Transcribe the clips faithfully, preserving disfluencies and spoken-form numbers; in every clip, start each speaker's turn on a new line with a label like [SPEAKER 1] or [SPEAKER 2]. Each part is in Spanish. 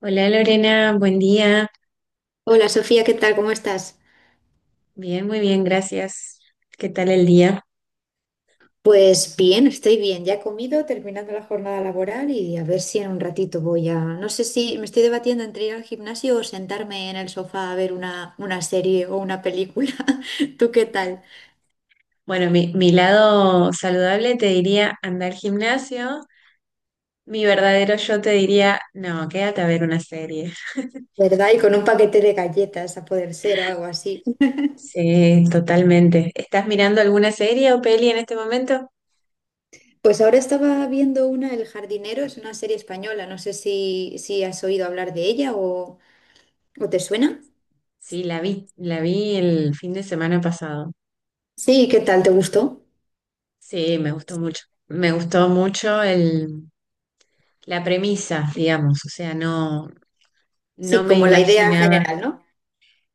[SPEAKER 1] Hola Lorena, buen día.
[SPEAKER 2] Hola Sofía, ¿qué tal? ¿Cómo estás?
[SPEAKER 1] Bien, muy bien, gracias. ¿Qué tal el día?
[SPEAKER 2] Pues bien, estoy bien. Ya he comido, terminando la jornada laboral y a ver si en un ratito, voy a... No sé si me estoy debatiendo entre ir al gimnasio o sentarme en el sofá a ver una, una serie o una película. ¿Tú qué tal?
[SPEAKER 1] Bueno, mi, mi lado saludable te diría andar al gimnasio. Mi verdadero yo te diría, no, quédate a ver una serie.
[SPEAKER 2] ¿Verdad? Y con un paquete de galletas a poder ser o algo así.
[SPEAKER 1] Sí, totalmente. ¿Estás mirando alguna serie o peli en este momento?
[SPEAKER 2] Pues ahora estaba viendo una, El jardinero, es una serie española. No sé si, si has oído hablar de ella o, o te suena.
[SPEAKER 1] Sí, la vi, la vi el fin de semana pasado.
[SPEAKER 2] Sí, ¿qué tal? ¿Te gustó?
[SPEAKER 1] Sí, me gustó mucho. Me gustó mucho el, la premisa, digamos. O sea, no,
[SPEAKER 2] Sí,
[SPEAKER 1] no me
[SPEAKER 2] como la idea
[SPEAKER 1] imaginaba.
[SPEAKER 2] general, ¿no?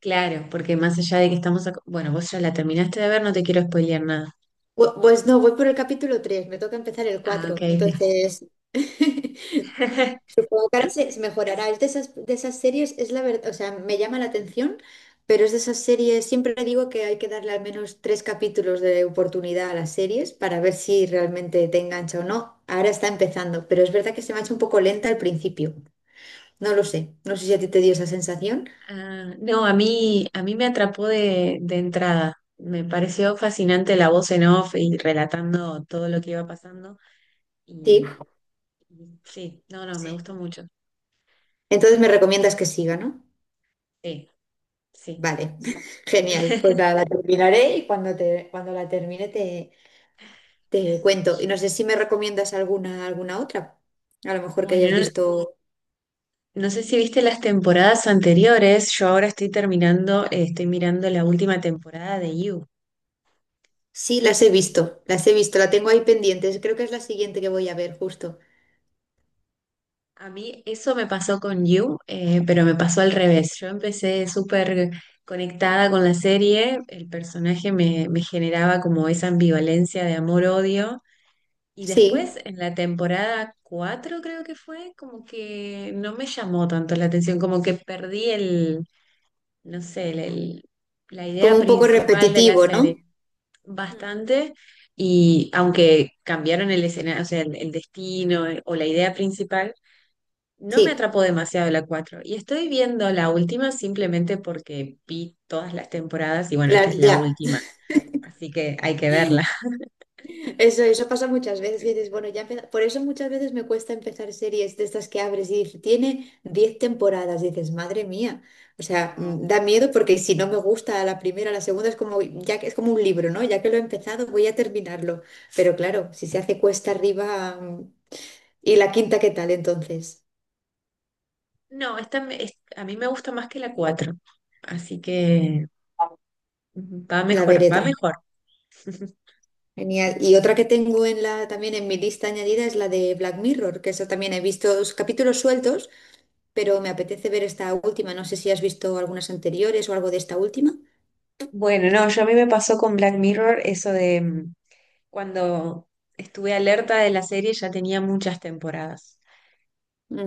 [SPEAKER 1] Claro, porque más allá de que estamos... ac- Bueno, vos ya la terminaste de ver, no te quiero spoilear nada.
[SPEAKER 2] Bu- Pues no, voy por el capítulo tres, me toca empezar el
[SPEAKER 1] Ah, ok,
[SPEAKER 2] cuatro,
[SPEAKER 1] ok.
[SPEAKER 2] entonces supongo que ahora se, se mejorará. Es de esas, de esas series, es la verdad, o sea, me llama la atención, pero es de esas series, siempre le digo que hay que darle al menos tres capítulos de oportunidad a las series para ver si realmente te engancha o no. Ahora está empezando, pero es verdad que se me ha hecho un poco lenta al principio. No lo sé, no sé si a ti te dio esa sensación.
[SPEAKER 1] Ah, no, a mí, a mí me atrapó de, de entrada. Me pareció fascinante la voz en off y relatando todo lo que iba pasando.
[SPEAKER 2] Sí.
[SPEAKER 1] Y, y sí, no, no, me
[SPEAKER 2] Sí.
[SPEAKER 1] gustó mucho.
[SPEAKER 2] Entonces me recomiendas que siga, ¿no?
[SPEAKER 1] Sí, sí.
[SPEAKER 2] Vale, genial. Pues nada, la terminaré y cuando, te, cuando la termine te, te cuento. Y no sé si me recomiendas alguna, alguna otra. A lo mejor que
[SPEAKER 1] Bueno,
[SPEAKER 2] hayas
[SPEAKER 1] no,
[SPEAKER 2] visto.
[SPEAKER 1] no sé si viste las temporadas anteriores. Yo ahora estoy terminando, eh, estoy mirando la última temporada de You.
[SPEAKER 2] Sí, las he visto, las he visto, la tengo ahí pendientes. Creo que es la siguiente que voy a ver, justo.
[SPEAKER 1] A mí eso me pasó con You, eh, pero me pasó al revés. Yo empecé súper conectada con la serie, el personaje me, me generaba como esa ambivalencia de amor-odio. Y después
[SPEAKER 2] Sí,
[SPEAKER 1] en la temporada cuatro creo que fue, como que no me llamó tanto la atención, como que perdí el, no sé, el, el- la idea
[SPEAKER 2] como un poco
[SPEAKER 1] principal de la
[SPEAKER 2] repetitivo, ¿no?
[SPEAKER 1] serie
[SPEAKER 2] Mm.
[SPEAKER 1] bastante. Y aunque cambiaron el escenario, o sea, el, el destino eh, o la idea principal no me
[SPEAKER 2] Sí,
[SPEAKER 1] atrapó demasiado la cuatro y estoy viendo la última simplemente porque vi todas las temporadas y bueno, esta
[SPEAKER 2] claro,
[SPEAKER 1] es la
[SPEAKER 2] ya.
[SPEAKER 1] última, así que hay que verla.
[SPEAKER 2] Eso, eso pasa muchas veces y dices, bueno, ya empieza- por eso muchas veces me cuesta empezar series de estas que abres y dices, tiene diez temporadas. Y dices, madre mía. O sea,
[SPEAKER 1] No,
[SPEAKER 2] mm, da miedo porque si no me gusta la primera, la segunda es como, ya que es como un libro, ¿no? Ya que lo he empezado, voy a terminarlo. Pero claro, si se hace cuesta arriba, mm, ¿y la quinta qué tal entonces?
[SPEAKER 1] no, esta me- es- a mí me gusta más que la cuatro, así que ujú, va
[SPEAKER 2] La
[SPEAKER 1] mejor,
[SPEAKER 2] veré
[SPEAKER 1] va
[SPEAKER 2] también.
[SPEAKER 1] mejor.
[SPEAKER 2] Genial. Y otra que tengo en la, también en mi lista añadida es la de Black Mirror, que eso también he visto dos capítulos sueltos, pero me apetece ver esta última. No sé si has visto algunas anteriores o algo de esta última.
[SPEAKER 1] Bueno, no, yo a mí me pasó con Black Mirror eso de mm, cuando estuve alerta de la serie ya tenía muchas temporadas.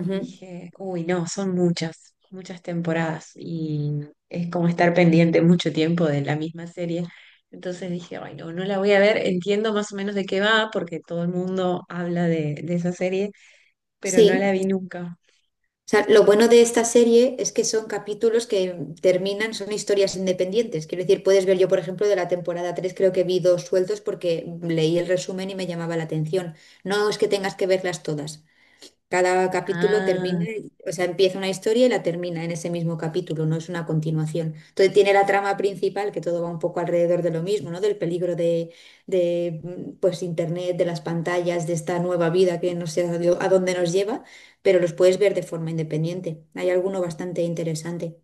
[SPEAKER 1] Y dije, uy, no, son muchas, muchas temporadas y es como estar pendiente mucho tiempo de la misma serie. Entonces dije, ay, no, no la voy a ver, entiendo más o menos de qué va porque todo el mundo habla de, de esa serie, pero no la
[SPEAKER 2] Sí.
[SPEAKER 1] vi nunca.
[SPEAKER 2] O sea, lo bueno de esta serie es que son capítulos que terminan, son historias independientes. Quiero decir, puedes ver yo, por ejemplo, de la temporada tres, creo que vi dos sueltos porque leí el resumen y me llamaba la atención. No es que tengas que verlas todas. Cada capítulo termina,
[SPEAKER 1] Ah,
[SPEAKER 2] o sea, empieza una historia y la termina en ese mismo capítulo, no es una continuación. Entonces tiene la trama principal, que todo va un poco alrededor de lo mismo, ¿no? Del peligro de, de mm, pues, Internet, de las pantallas, de esta nueva vida que no sé a dó- a dónde nos lleva, pero los puedes ver de forma independiente. Hay alguno bastante interesante.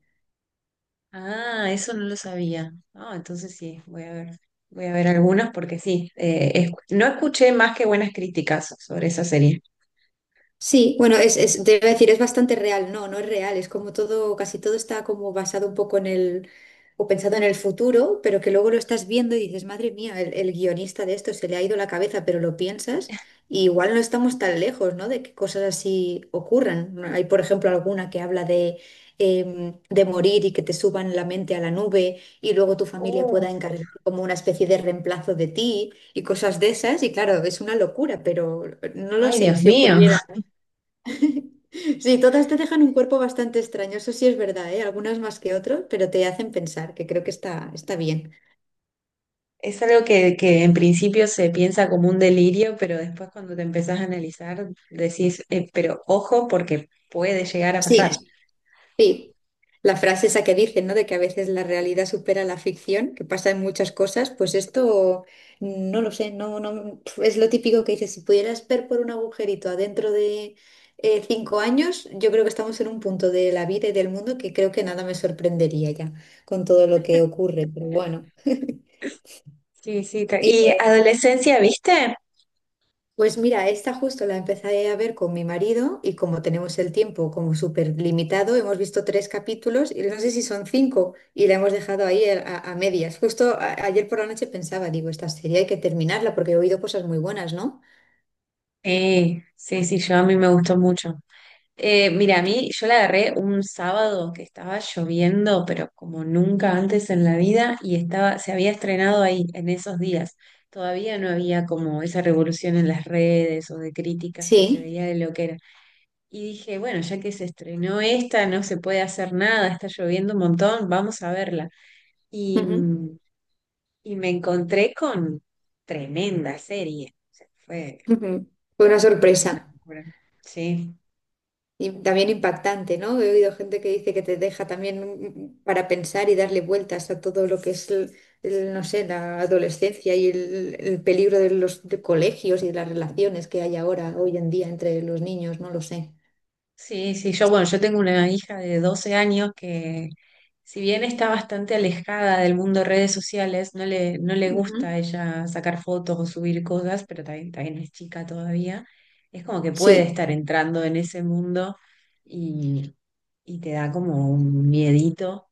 [SPEAKER 1] Ah, eso no lo sabía. Ah, entonces sí, voy a ver, voy a ver algunas porque sí, eh, es- no escuché más que buenas críticas sobre esa serie.
[SPEAKER 2] Sí, bueno, es, es, te iba a decir, es bastante real. No, no es real. Es como todo, casi todo está como basado un poco en el, o pensado en el futuro, pero que luego lo estás viendo y dices, madre mía, el, el guionista de esto se le ha ido la cabeza, pero lo piensas y igual no estamos tan lejos, ¿no? De que cosas así ocurran. No, hay, por ejemplo, alguna que habla de, em, de morir y que te suban la mente a la nube y luego tu familia pueda
[SPEAKER 1] Uf,
[SPEAKER 2] encargar como una especie de reemplazo de ti y cosas de esas. Y claro, es una locura, pero no lo
[SPEAKER 1] ay,
[SPEAKER 2] sé
[SPEAKER 1] Dios
[SPEAKER 2] si
[SPEAKER 1] mío.
[SPEAKER 2] ocurriera. Sí, todas te dejan un cuerpo bastante extraño, eso sí es verdad, ¿eh? Algunas más que otras, pero te hacen pensar, que creo que está, está bien.
[SPEAKER 1] Es algo que, que en principio se piensa como un delirio, pero después cuando te empezás a analizar decís, "Eh, pero ojo porque puede llegar a
[SPEAKER 2] Sí,
[SPEAKER 1] pasar.
[SPEAKER 2] sí. La frase esa que dicen, ¿no? De que a veces la realidad supera la ficción, que pasa en muchas cosas, pues esto, mm, no lo sé, no, no, es lo típico que dices, si pudieras ver por un agujerito adentro de eh, cinco años, yo creo que estamos en un punto de la vida y del mundo que creo que nada me sorprendería ya con todo lo que ocurre, pero bueno.
[SPEAKER 1] Sí, sí. te- ¿Y adolescencia, viste?
[SPEAKER 2] Pues mira, esta justo la empecé a ver con mi marido y como tenemos el tiempo como súper limitado, hemos visto tres capítulos y no sé si son cinco y la hemos dejado ahí a, a- a medias. Justo a- ayer por la noche pensaba, digo, esta serie hay que terminarla porque he oído cosas muy buenas, ¿no?
[SPEAKER 1] Sí, sí, sí, yo a mí me gustó mucho. Eh, mira, a mí yo la agarré un sábado que estaba lloviendo, pero como nunca antes en la vida, y estaba, se había estrenado ahí en esos días. Todavía no había como esa revolución en las redes o de críticas que se
[SPEAKER 2] Sí.
[SPEAKER 1] veía de lo que era. Y dije, bueno, ya que se estrenó esta, no se puede hacer nada, está lloviendo un montón, vamos a verla. Y,
[SPEAKER 2] Ujú,
[SPEAKER 1] mm, y me encontré con tremenda serie. O sea, fue
[SPEAKER 2] ujú. Fue una
[SPEAKER 1] una
[SPEAKER 2] sorpresa.
[SPEAKER 1] locura. Sí.
[SPEAKER 2] Y también impactante, ¿no? He oído gente que dice que te deja también, mm, para pensar y darle vueltas a todo lo que es, el- el, no sé, la adolescencia y el, el peligro de los de colegios y de las relaciones que hay ahora, hoy en día, entre los niños, no lo sé.
[SPEAKER 1] Sí, sí, yo, bueno, yo tengo una hija de doce años que, si bien está bastante alejada del mundo de redes sociales, no le, no le gusta
[SPEAKER 2] Ujú.
[SPEAKER 1] a ella sacar fotos o subir cosas, pero también, también es chica todavía. Es como que puede
[SPEAKER 2] Sí,
[SPEAKER 1] estar entrando en ese mundo y, y te da como un miedito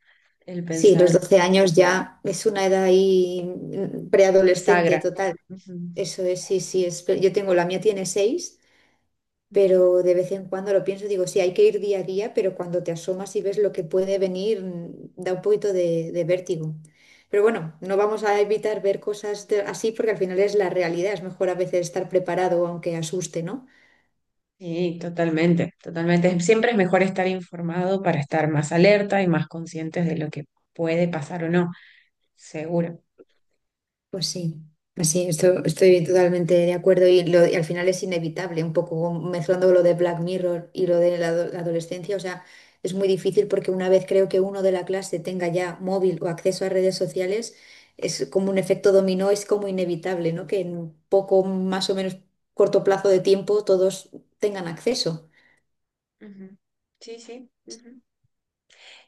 [SPEAKER 1] el
[SPEAKER 2] sí, los
[SPEAKER 1] pensar
[SPEAKER 2] doce años ya es una edad ahí, mm, preadolescente
[SPEAKER 1] bisagra.
[SPEAKER 2] total.
[SPEAKER 1] Ujú,
[SPEAKER 2] Eso es, sí, sí, es, yo tengo, la mía tiene seis.
[SPEAKER 1] ujú.
[SPEAKER 2] Pero de vez en cuando lo pienso, digo, sí, hay que ir día a día, pero cuando te asomas y ves lo que puede venir, mm, da un poquito de, de vértigo. Pero bueno, no vamos a evitar ver cosas de- así porque al final es la realidad, es mejor a veces estar preparado aunque asuste, ¿no?
[SPEAKER 1] Sí, totalmente, totalmente. Siempre es mejor estar informado para estar más alerta y más conscientes de lo que puede pasar o no. Seguro.
[SPEAKER 2] Pues sí, pues sí, esto- estoy totalmente de acuerdo y, lo- y al final es inevitable, un poco mezclando lo de Black Mirror y lo de la, ado- la adolescencia, o sea, es muy difícil porque una vez creo que uno de la clase tenga ya móvil o acceso a redes sociales, es como un efecto dominó, es como inevitable, ¿no? Que en un poco más o menos corto plazo de tiempo todos tengan acceso.
[SPEAKER 1] Ujú. Sí, sí. Ujú.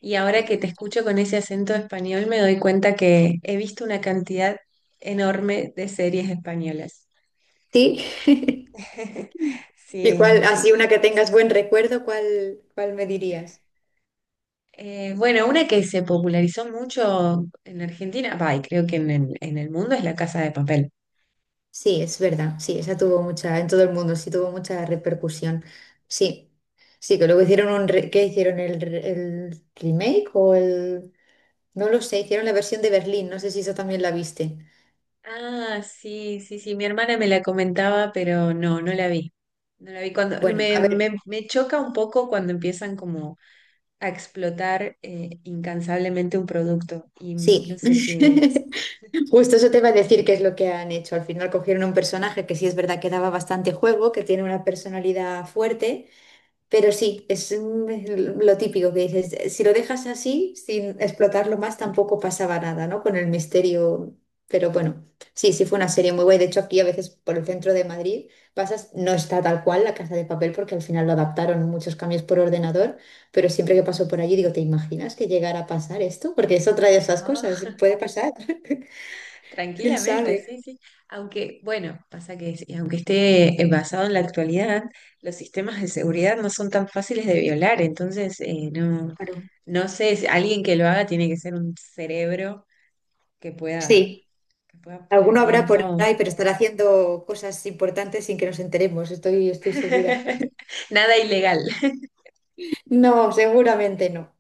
[SPEAKER 1] Y ahora que te escucho con ese acento español, me doy cuenta que he visto una cantidad enorme de series españolas.
[SPEAKER 2] Sí. ¿Y
[SPEAKER 1] Sí,
[SPEAKER 2] cuál,
[SPEAKER 1] sí,
[SPEAKER 2] así
[SPEAKER 1] sí.
[SPEAKER 2] una que tengas buen recuerdo, cuál, cuál me dirías?
[SPEAKER 1] Eh, bueno, una que se popularizó mucho en Argentina, va, y creo que en el, en el mundo es La Casa de Papel.
[SPEAKER 2] Sí, es verdad, sí, esa tuvo mucha, en todo el mundo, sí tuvo mucha repercusión. Sí, sí, que luego hicieron un, re- ¿qué hicieron? ¿El, re- el remake o el...? No lo sé, hicieron la versión de Berlín, no sé si eso también la viste.
[SPEAKER 1] Ah, sí, sí, sí, mi hermana me la comentaba, pero no, no la vi. No la vi cuando
[SPEAKER 2] Bueno,
[SPEAKER 1] me,
[SPEAKER 2] a ver,
[SPEAKER 1] me, me choca un poco cuando empiezan como a explotar eh, incansablemente un producto. Y no
[SPEAKER 2] sí,
[SPEAKER 1] sé si...
[SPEAKER 2] justo eso te iba a decir que es lo que han hecho. Al final cogieron un personaje que sí es verdad que daba bastante juego, que tiene una personalidad fuerte. Pero sí, es, mm, lo típico que dices. Si lo dejas así, sin explotarlo más, tampoco pasaba nada, ¿no? Con el misterio. Pero bueno, sí, sí fue una serie muy guay. De hecho, aquí a veces por el centro de Madrid pasas, no está tal cual la Casa de Papel, porque al final lo adaptaron muchos cambios por ordenador, pero siempre que paso por allí digo, ¿te imaginas que llegara a pasar esto? Porque es otra de esas
[SPEAKER 1] Ah,
[SPEAKER 2] cosas, puede pasar. ¿Quién
[SPEAKER 1] tranquilamente,
[SPEAKER 2] sabe?
[SPEAKER 1] sí, sí. Aunque, bueno, pasa que sí, aunque esté eh, basado en la actualidad, los sistemas de seguridad no son tan fáciles de violar. Entonces, eh, no,
[SPEAKER 2] Claro.
[SPEAKER 1] no sé, si alguien que lo haga tiene que ser un cerebro que pueda,
[SPEAKER 2] Sí,
[SPEAKER 1] que pueda
[SPEAKER 2] alguno habrá
[SPEAKER 1] hackear
[SPEAKER 2] por
[SPEAKER 1] todo.
[SPEAKER 2] ahí, pero estará haciendo cosas importantes sin que nos enteremos, estoy, estoy segura.
[SPEAKER 1] Nada ilegal.
[SPEAKER 2] No, seguramente no.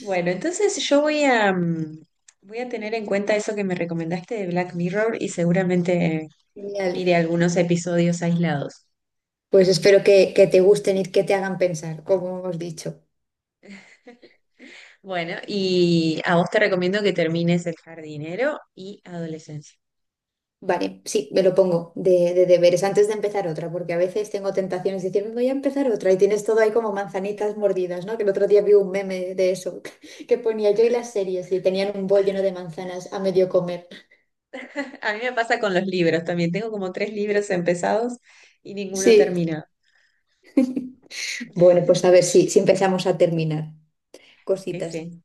[SPEAKER 1] Bueno, entonces yo voy a, mm, voy a tener en cuenta eso que me recomendaste de Black Mirror y seguramente
[SPEAKER 2] Genial.
[SPEAKER 1] mire algunos episodios aislados.
[SPEAKER 2] Pues espero que, que te gusten y que te hagan pensar, como hemos dicho.
[SPEAKER 1] Bueno, y a vos te recomiendo que termines El jardinero y Adolescencia.
[SPEAKER 2] Vale, sí, me lo pongo de, de deberes antes de empezar otra, porque a veces tengo tentaciones de decir, voy a empezar otra y tienes todo ahí como manzanitas mordidas, ¿no? Que el otro día vi un meme de eso, que ponía yo y las series y tenían un bol lleno de manzanas a medio comer.
[SPEAKER 1] A mí me pasa con los libros también. Tengo como tres libros empezados y ninguno
[SPEAKER 2] Sí,
[SPEAKER 1] terminado.
[SPEAKER 2] bueno, pues a ver si, si empezamos a terminar
[SPEAKER 1] Sí,
[SPEAKER 2] cositas.
[SPEAKER 1] sí.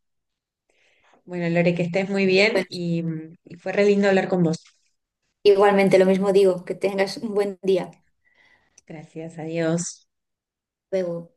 [SPEAKER 1] Bueno, Lore, que estés muy bien
[SPEAKER 2] Bueno,
[SPEAKER 1] y, mm, y fue re lindo hablar con vos.
[SPEAKER 2] igualmente lo mismo digo, que tengas un buen día. Hasta
[SPEAKER 1] Gracias, adiós.
[SPEAKER 2] luego.